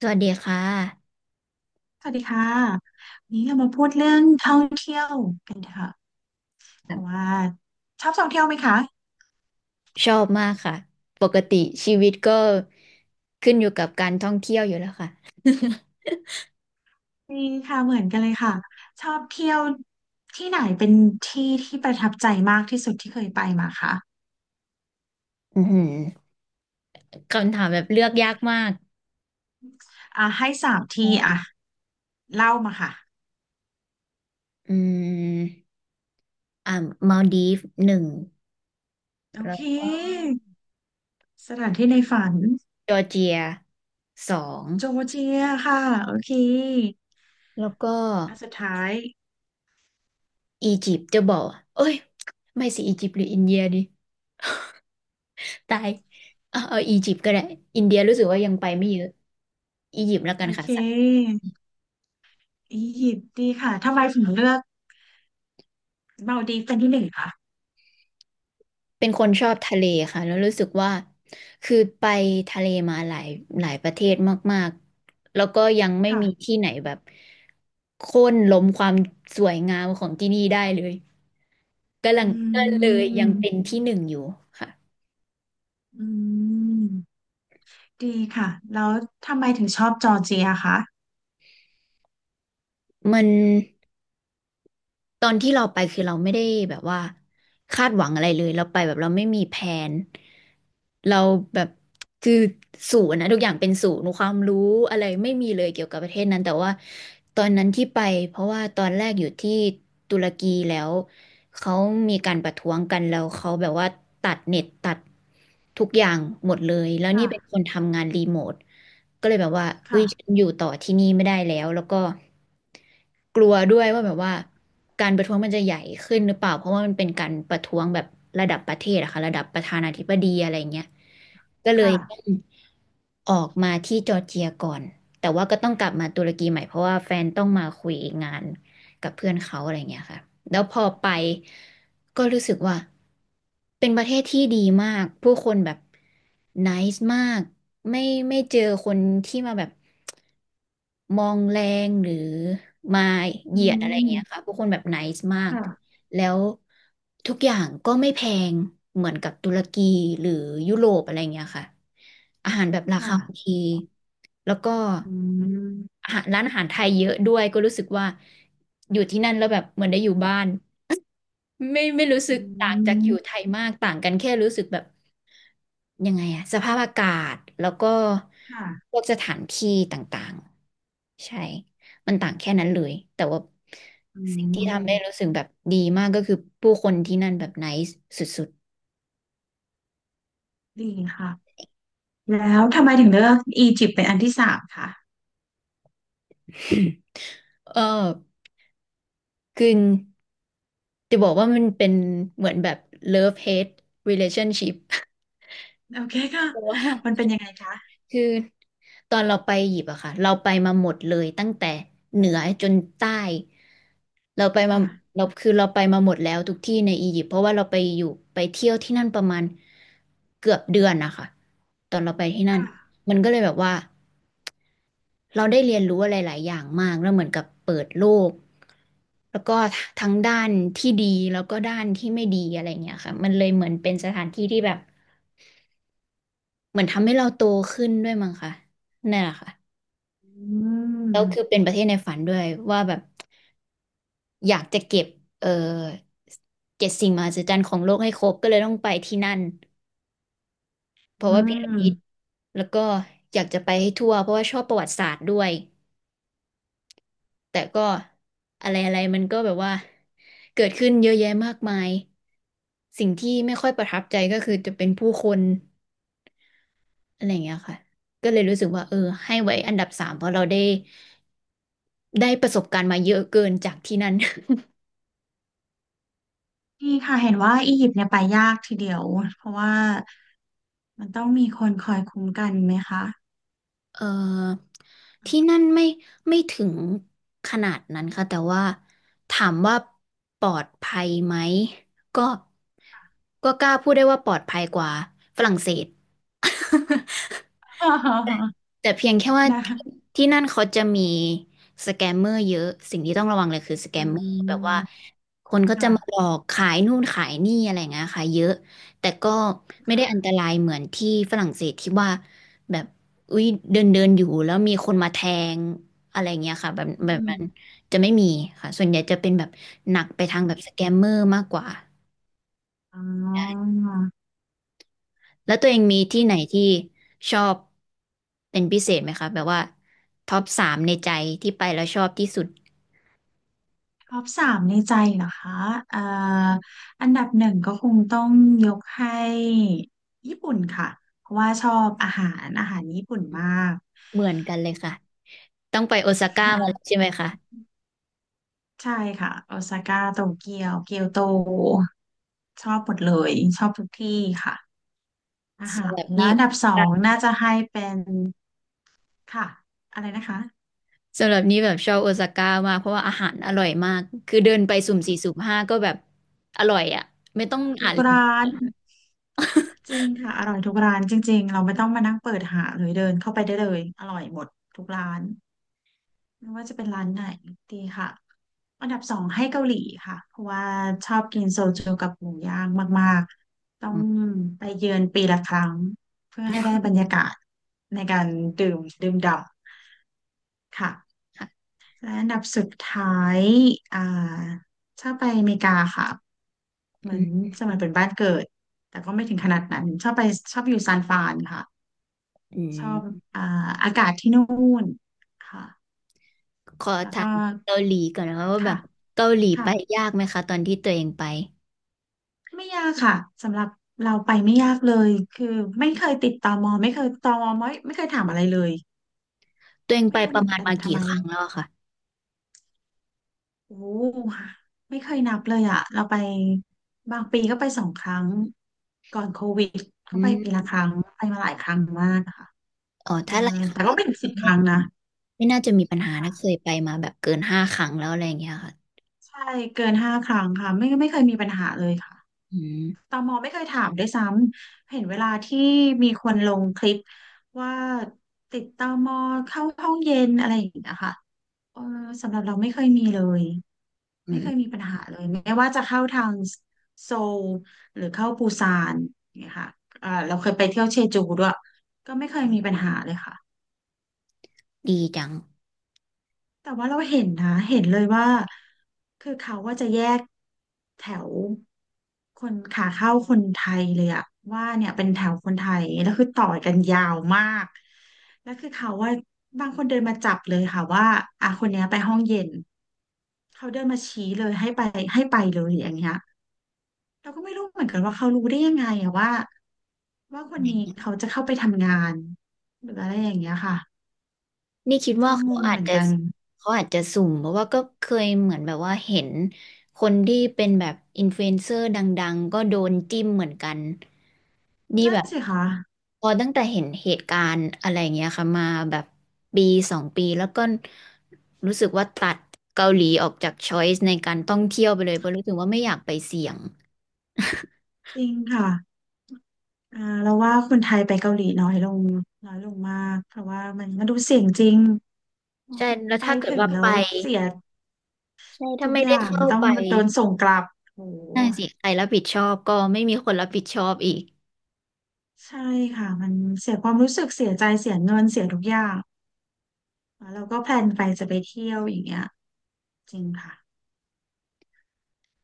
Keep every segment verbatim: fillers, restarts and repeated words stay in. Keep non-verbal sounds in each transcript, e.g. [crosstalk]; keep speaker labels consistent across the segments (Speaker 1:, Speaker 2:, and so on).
Speaker 1: สวัสดีค่ะ
Speaker 2: สวัสดีค่ะวันนี้เรามาพูดเรื่องท่องเที่ยวกันค่ะเพราะว่าชอบท่องเที่ยวไหมคะ
Speaker 1: ชอบมากค่ะปกติชีวิตก็ขึ้นอยู่กับการท่องเที่ยวอยู่แล้วค่ะ
Speaker 2: มีค่ะเหมือนกันเลยค่ะชอบเที่ยวที่ไหนเป็นที่ที่ประทับใจมากที่สุดที่เคยไปมาคะ
Speaker 1: อือหือคำถามแบบเลือกยากมาก
Speaker 2: อ่ะให้สามที่อ่ะเล่ามาค่ะ
Speaker 1: อืมอ่ามาลดีฟหนึ่ง
Speaker 2: โอ
Speaker 1: แล้ว
Speaker 2: เค
Speaker 1: ก็
Speaker 2: สถานที่ในฝัน
Speaker 1: จอร์เจียสอง
Speaker 2: โจเจียค่ะโอเค
Speaker 1: แล้วก็
Speaker 2: อันสุดท้าย
Speaker 1: อียิปต์จะบอกเอ้ยไม่สิอียิปต์หรืออินเดียดีตายเอาเอาอียิปต์ก็ได้อินเดียรู้สึกว่ายังไปไม่เยอะอียิปต์แล้วกั
Speaker 2: โอ
Speaker 1: นค่ะ
Speaker 2: เคอียิปต์ดีค่ะทำไมถึงเลือกมาลดีฟเป็นที่หนึ่งคะ
Speaker 1: เป็นคนชอบทะเลค่ะแล้วรู้สึกว่าคือไปทะเลมาหลายหลายประเทศมากๆแล้วก็ยังไม่
Speaker 2: ค่ะ
Speaker 1: มีที่ไหนแบบโค่นล้มความสวยงามของที่นี่ได้เลยกำลั
Speaker 2: อ
Speaker 1: งก็
Speaker 2: ื
Speaker 1: เลยยังเป็
Speaker 2: ม
Speaker 1: นที่หนึ่งอยู่ค่ะ
Speaker 2: อืมดีค่ะแล้วทำไมถึงชอบจอร์เจียคะ
Speaker 1: มัน ตอนที่เราไปคือเราไม่ได้แบบว่าคาดหวังอะไรเลยเราไปแบบเราไม่มีแผนเราแบบคือศูนย์นะทุกอย่างเป็นศูนย์ความรู้อะไรไม่มีเลยเกี่ยวกับประเทศนั้นแต่ว่าตอนนั้นที่ไปเพราะว่าตอนแรกอยู่ที่ตุรกีแล้วเขามีการประท้วงกันแล้วเขาแบบว่าตัดเน็ตตัดทุกอย่างหมดเลยแล้วนี่เป็นค
Speaker 2: ค่ะ
Speaker 1: นทำงานรีโมท ก็เลยแบบว่าเอ้
Speaker 2: ค่ะ
Speaker 1: ยฉันอยู่ต่อที่นี่ไม่ได้แล้ว แล้วก็กลัวด้วยว่าแบบว่าการประท้วงมันจะใหญ่ขึ้นหรือเปล่า เพราะว่ามันเป็นการประท้วงแบบระดับประเทศอะค่ะระดับประธานาธิบดีอะไรเงี้ยก็เลย
Speaker 2: ค่ะ
Speaker 1: ต้องออกมาที่จอร์เจียก่อน แต่ว่าก็ต้องกลับมาตุรกีใหม่เพราะว่าแฟนต้องมาคุยงาน กับเพื่อนเขาอะไรเงี้ยค่ะแล้วพอไปก็รู้สึกว่าเป็นประเทศที่ดีมาก ผู้คนแบบไนซ์มากไม่ไม่เจอคนที่มาแบบมองแรงหรือมาเห
Speaker 2: อื
Speaker 1: ยียดอะไรเงี้ย
Speaker 2: ม
Speaker 1: ค่ะผู้คนแบบไนซ์มาก
Speaker 2: ค่ะ
Speaker 1: แล้วทุกอย่างก็ไม่แพงเหมือนกับตุรกีหรือยุโรปอะไรเงี้ยค่ะอาหารแบบราคา
Speaker 2: ค่ะ
Speaker 1: โอเคแล้วก็
Speaker 2: อืม
Speaker 1: อาหารร้านอาหารไทยเยอะด้วยก็รู้สึกว่าอยู่ที่นั่นแล้วแบบเหมือนได้อยู่บ้าน ไม่ไม่รู้
Speaker 2: อื
Speaker 1: สึกต่างจากอยู่ไท
Speaker 2: ม
Speaker 1: ยมากต่างกันแค่รู้สึกแบบยังไงอะสภาพอากาศแล้วก็
Speaker 2: ค่ะ
Speaker 1: พวกสถานที่ต่างๆใช่มันต่างแค่นั้นเลยแต่ว่า
Speaker 2: อื
Speaker 1: สิ่งที่ทำได้รู้
Speaker 2: ม
Speaker 1: สึกแบบดีมากก็คือผู้คนที่นั่นแบบไนซ์สุด
Speaker 2: ดีค่ะแล้วทำไมถึงเลือกอียิปต์เป็นอันที่สามคะ
Speaker 1: ๆ [coughs] เออคือจะบอกว่ามันเป็นเหมือนแบบ love hate relationship
Speaker 2: โอเคค่ะ
Speaker 1: เพราะว่า
Speaker 2: มันเป็นยังไงคะ
Speaker 1: คือตอนเราไปหยิบอะค่ะเราไปมาหมดเลยตั้งแต่เหนือจนใต้เราไปมา
Speaker 2: ค่ะ
Speaker 1: เราคือเราไปมาหมดแล้วทุกที่ในอียิปต์เพราะว่าเราไปอยู่ไปเที่ยวที่นั่นประมาณเกือบเดือนนะคะตอนเราไปที่นั่น
Speaker 2: ค่ะ
Speaker 1: มันก็เลยแบบว่าเราได้เรียนรู้อะไรหลายอย่างมากแล้วเหมือนกับเปิดโลกแล้วก็ทั้งด้านที่ดีแล้วก็ด้านที่ไม่ดีอะไรเงี้ยค่ะมันเลยเหมือนเป็นสถานที่ที่แบบเหมือนทำให้เราโตขึ้นด้วยมั้งค่ะนั่นแหละค่ะ
Speaker 2: อื
Speaker 1: แล้วคือ
Speaker 2: ม
Speaker 1: เป็นประเทศในฝันด้วยว่าแบบอยากจะเก็บเออเจ็ดสิ่งมหัศจรรย์ของโลกให้ครบก็เลยต้องไปที่นั่นเพ
Speaker 2: อื
Speaker 1: ราะว่าพีระ
Speaker 2: ม
Speaker 1: มิดแล้วก็อยากจะไปให้ทั่วเพราะว่าชอบประวัติศาสตร์ด้วยแต่ก็อะไรอะไรมันก็แบบว่าเกิดขึ้นเยอะแยะมากมายสิ่งที่ไม่ค่อยประทับใจก็คือจะเป็นผู้คนอะไรอย่างเงี้ยค่ะก็เลยรู้สึกว่าเออให้ไว้อันดับสามเพราะเราได้ได้ประสบการณ์มาเยอะเกินจากที่นั่น
Speaker 2: ดีค่ะเห็นว่าอียิปต์เนี่ยไปยากทีเดียวเพราะว่ามันต้องมีคนคอยคุ้มกันไหมคะ
Speaker 1: เอ่อที่นั่นไม่ไม่ถึงขนาดนั้นค่ะแต่ว่าถามว่าปลอดภัยไหมก็ก็กล้าพูดได้ว่าปลอดภัยกว่าฝรั่งเศส [laughs]
Speaker 2: [laughs]
Speaker 1: แต่เพียงแค่ว่า
Speaker 2: นะ
Speaker 1: ที่นั่นเขาจะมีสแกมเมอร์เยอะสิ่งที่ต้องระวังเลยคือสแก
Speaker 2: อื
Speaker 1: มเมอร์แบบว่า
Speaker 2: ม
Speaker 1: คนก็จะ
Speaker 2: ค่ะ
Speaker 1: มาหลอกขายนู่นขายนี่อะไรอย่างเงี้ยค่ะเยอะแต่ก็ไม่ได้อันต
Speaker 2: ค่ะ
Speaker 1: รายเหมือนที่ฝรั่งเศสที่ว่าแบบอุ้ยเดินเดินอยู่แล้วมีคนมาแทงอะไรเงี้ยค่ะแบบ
Speaker 2: อื
Speaker 1: แบบ
Speaker 2: ม
Speaker 1: นั้นจะไม่มีค่ะส่วนใหญ่จะเป็นแบบหนักไปทางแบบสแกมเมอร์มากกว่า
Speaker 2: อ๋อ
Speaker 1: แล้วตัวเองมีที่ไหนที่ชอบเป็นพิเศษไหมคะแบบว่าท็อปสามในใจที่ไปแล้วชอบที่สุด
Speaker 2: ท็อปสามในใจเหรอคะเอ่ออันดับหนึ่งก็คงต้องยกให้ญี่ปุ่นค่ะเพราะว่าชอบอาหารอาหารญี่ปุ่นมาก
Speaker 1: เหมือนกันเลยค่ะต้องไปโอซา
Speaker 2: ค
Speaker 1: ก้ามาแล้วใช่
Speaker 2: ่ะ
Speaker 1: ไหมคะ
Speaker 2: ใช่ค่ะโอซาก้าโตเกียวเกียวโตชอบหมดเลยชอบทุกที่ค่ะอาหา
Speaker 1: สำห
Speaker 2: ร
Speaker 1: รับ
Speaker 2: แล้
Speaker 1: นี่
Speaker 2: วอันดับสองน่าจะให้เป็นค่ะอะไรนะคะ
Speaker 1: สำหรับนี่แบบชอบโอซาก้ามากเพราะว่าอาหารอร่อยมากคือเดินไปสุ่มสี่สุ่มห้าก็แบบอร่อยอ่ะไม่ต้อง
Speaker 2: ทุ
Speaker 1: อ่า
Speaker 2: ก
Speaker 1: นรี
Speaker 2: ร้า
Speaker 1: วิว
Speaker 2: น จริงค่ะอร่อยทุกร้านจริงๆเราไม่ต้องมานั่งเปิดหาเลยเดินเข้าไปได้เลยอร่อยหมดทุกร้านไม่ว่าจะเป็นร้านไหนดีค่ะอันดับสองให้เกาหลีค่ะเพราะว่าชอบกินโซจูกับหมูย่างมากๆต้อ
Speaker 1: อื
Speaker 2: ง
Speaker 1: ม
Speaker 2: ไปเยือนปีละครั้งเพื่อให้ได้บรรยากาศในการดื่มดื่มด่ำค่ะ
Speaker 1: ค่ะ
Speaker 2: และอันดับสุดท้ายอ่าชอบไปอเมริกาค่ะเหมื
Speaker 1: อื
Speaker 2: อน
Speaker 1: ม
Speaker 2: สมัยเป็นบ้านเกิดแต่ก็ไม่ถึงขนาดนั้นชอบไปชอบอยู่ซานฟรานค่ะ
Speaker 1: อื
Speaker 2: ชอบ
Speaker 1: ม
Speaker 2: อ่าอากาศที่นู่นค่ะ
Speaker 1: ขอ
Speaker 2: แล้ว
Speaker 1: ถา
Speaker 2: ก็
Speaker 1: มเกาหลีก่อนนะคะว่าแบ
Speaker 2: ค่ะ
Speaker 1: บเกาหลีไป
Speaker 2: ค่ะ
Speaker 1: ยากไหมคะตอนที่ตัวเองไป
Speaker 2: ไม่ยากค่ะ สำหรับเราไปไม่ยากเลย คือไม่เคยติดตมไม่เคยตมไม่ไม่เคยถามอะไรเลย
Speaker 1: ตัวเองไป
Speaker 2: ไม่รู้
Speaker 1: ป
Speaker 2: เห
Speaker 1: ระ
Speaker 2: มือน
Speaker 1: มาณ
Speaker 2: กัน
Speaker 1: มา
Speaker 2: ทำ
Speaker 1: กี่
Speaker 2: ไม
Speaker 1: ครั้งแล้วอะค่ะ
Speaker 2: โอ้ไม่เคยนับเลยอ่ะเราไปบางปีก็ไปสองครั้งก่อนโควิดก็
Speaker 1: อื
Speaker 2: ไปปีละ
Speaker 1: ม
Speaker 2: ครั้งไปมาหลายครั้งมากค่ะ
Speaker 1: เออ
Speaker 2: เอ่อ
Speaker 1: ถ้าหลายครั้
Speaker 2: แต่
Speaker 1: ง
Speaker 2: ก็
Speaker 1: ก็
Speaker 2: ไม่ถึงสิบค
Speaker 1: ไม่
Speaker 2: รั้งนะ
Speaker 1: ไม่น่าจะมีปัญหานะเคยไปมาแบบเกินห้าครั้งแล้วอะไรอย่างเงี้ยค่ะ
Speaker 2: ใช่เกินห้าครั้งค่ะไม่ไม่เคยมีปัญหาเลยค่ะ
Speaker 1: อื
Speaker 2: ต
Speaker 1: ม
Speaker 2: มไม่เคยถามด้วยซ้ำ เห็นเวลาที่มีคนลงคลิปว่าติดตมเข้าห้องเย็นอะไรอย่างเงี้ยค่ะเออสำหรับเราไม่เคยมีเลย
Speaker 1: อื
Speaker 2: ไม่เคย
Speaker 1: ม
Speaker 2: มีปัญหาเลยไม่ว่าจะเข้าทางโซลหรือเข้าปูซานเนี่ยค่ะเออเราเคยไปเที่ยวเชจูด้วยก็ไม่เคยมีปัญหาเลยค่ะ
Speaker 1: ดีจัง
Speaker 2: แต่ว่าเราเห็นนะเห็นเลยว่าคือเขาว่าจะแยกแถวคนขาเข้าคนไทยเลยอะว่าเนี่ยเป็นแถวคนไทยแล้วคือต่อกันยาวมากแล้วคือเขาว่าบางคนเดินมาจับเลยค่ะว่าอ่ะคนเนี้ยไปห้องเย็นเขาเดินมาชี้เลยให้ไปให้ไปเลยอย่างเงี้ยเราก็ไม่รู้เหมือนกันว่าเขารู้ได้ยังไงอะว่าว่าคนนี้เขาจะเข้าไปทำงานหรืออะไรอย่างเงี้ยค่ะ
Speaker 1: นี่คิดว่า
Speaker 2: ก็ง
Speaker 1: เขา
Speaker 2: งเห
Speaker 1: อาจ
Speaker 2: มือน
Speaker 1: จะ
Speaker 2: กัน
Speaker 1: เขาอาจจะสุ่มเพราะว่าก็เคยเหมือนแบบว่าเห็นคนที่เป็นแบบอินฟลูเอนเซอร์ดังๆ ก็โดนจิ้มเหมือนกัน นี่
Speaker 2: นั่
Speaker 1: แบ
Speaker 2: น
Speaker 1: บ
Speaker 2: สิคะ
Speaker 1: พอตั้งแต่เห็นเหตุการณ์อะไรอย่างเงี้ยค่ะมาแบบปีสองปีแล้วก็รู้สึกว่าตัดเกาหลีออกจากช้อยส์ในการท่องเที่ยวไปเลยเพราะรู้สึกว่าไม่อยากไปเสี่ยง
Speaker 2: จริงค่ะ อ่าเราว่าคนไทยไปเกาหลีน้อยลงน้อยลงมากเพราะว่ามันมันดูเสี่ยงจริง
Speaker 1: ใช่แล้ว
Speaker 2: ไป
Speaker 1: ถ้าเกิด
Speaker 2: ถึง
Speaker 1: ว่า
Speaker 2: แล้
Speaker 1: ไป
Speaker 2: วเสีย
Speaker 1: ใช่ถ้า
Speaker 2: ทุก
Speaker 1: ไม่
Speaker 2: อ
Speaker 1: ได้
Speaker 2: ย่าง
Speaker 1: เข้า
Speaker 2: ต้อง
Speaker 1: ไป
Speaker 2: โดนส่งกลับโอ้โห
Speaker 1: น่าสิใครรับผิดชอบก็ไม่มีคนรับผิดชอบอีก
Speaker 2: ใช่ค่ะมันเสียความรู้สึกเสียใจเสียเงินเสียทุกอย่างแล้วเราก็แพลนไปจะไปเที่ยวอย่างเงี้ยจริงค่ะ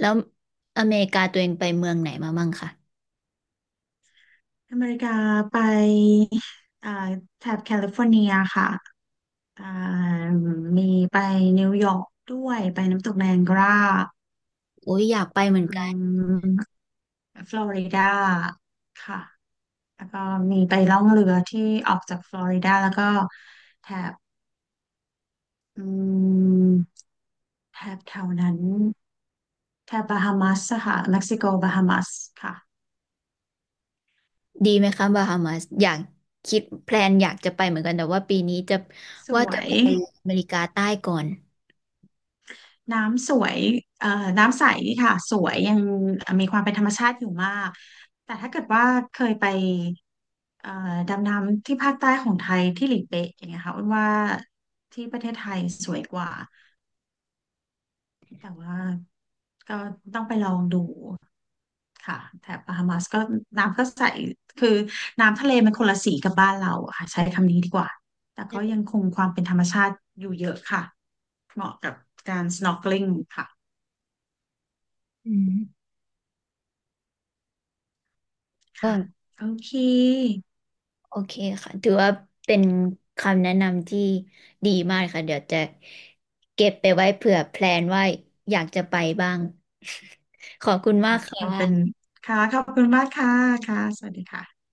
Speaker 1: แล้วอเมริกาตัวเองไปเมืองไหนมามั่งคะ
Speaker 2: อเมริกาไปอ่าแถบแคลิฟอร์เนียค่ะอ่ามีไปนิวยอร์กด้วยไปน้ำตกไนแองการา
Speaker 1: โอ้ยอยากไป
Speaker 2: อื
Speaker 1: เหมือนกัน
Speaker 2: ม ฟลอริดาค่ะ แล้วก็มีไปล่องเรือที่ออกจากฟลอริดาแล้วก็แถบอืมแถบแถวนั้นแถบบาฮามัสค่ะเม็กซิโกบาฮามัสค่ะ
Speaker 1: ดีไหมคะบาฮามาสอยากคิดแพลนอยากจะไปเหมือนกันแต่ว่าปีนี้จะ
Speaker 2: ส
Speaker 1: ว่า
Speaker 2: ว
Speaker 1: จะ
Speaker 2: ย
Speaker 1: ไปอเมริกาใต้ก่อน
Speaker 2: น้ำสวยเอ่อน้ำใสค่ะสวยยังมีความเป็นธรรมชาติอยู่มากแต่ถ้าเกิดว่าเคยไปเอ่อดำน้ำที่ภาคใต้ของไทยที่หลีเป๊ะอย่างเงี้ยค่ะอ้วนว่าที่ประเทศไทยสวยกว่า แต่ว่าก็ต้องไปลองดูค่ะแถบบัฮามัสก็น้ำก็ใสคือน้ำทะเลมันคนละสีกับบ้านเราอะค่ะใช้คำนี้ดีกว่าแต่ก็ยังคงความเป็นธรรมชาติอยู่เยอะค่ะเหมาะกับการ snorkeling ค่ะ
Speaker 1: อืมว่า
Speaker 2: ค่ะโอเค
Speaker 1: โอเคค่ะถือว่าเป็นคำแนะนำที่ดีมากค่ะเดี๋ยวจะเก็บไปไว้เผื่อแพลนว่าอยากจะไปบ้าง [laughs] ขอบคุณมาก
Speaker 2: ค่ะคือเป็น
Speaker 1: ค่ะ
Speaker 2: ค่ะขอบคุณมากค่ะค่ะสวัสดีค่ะ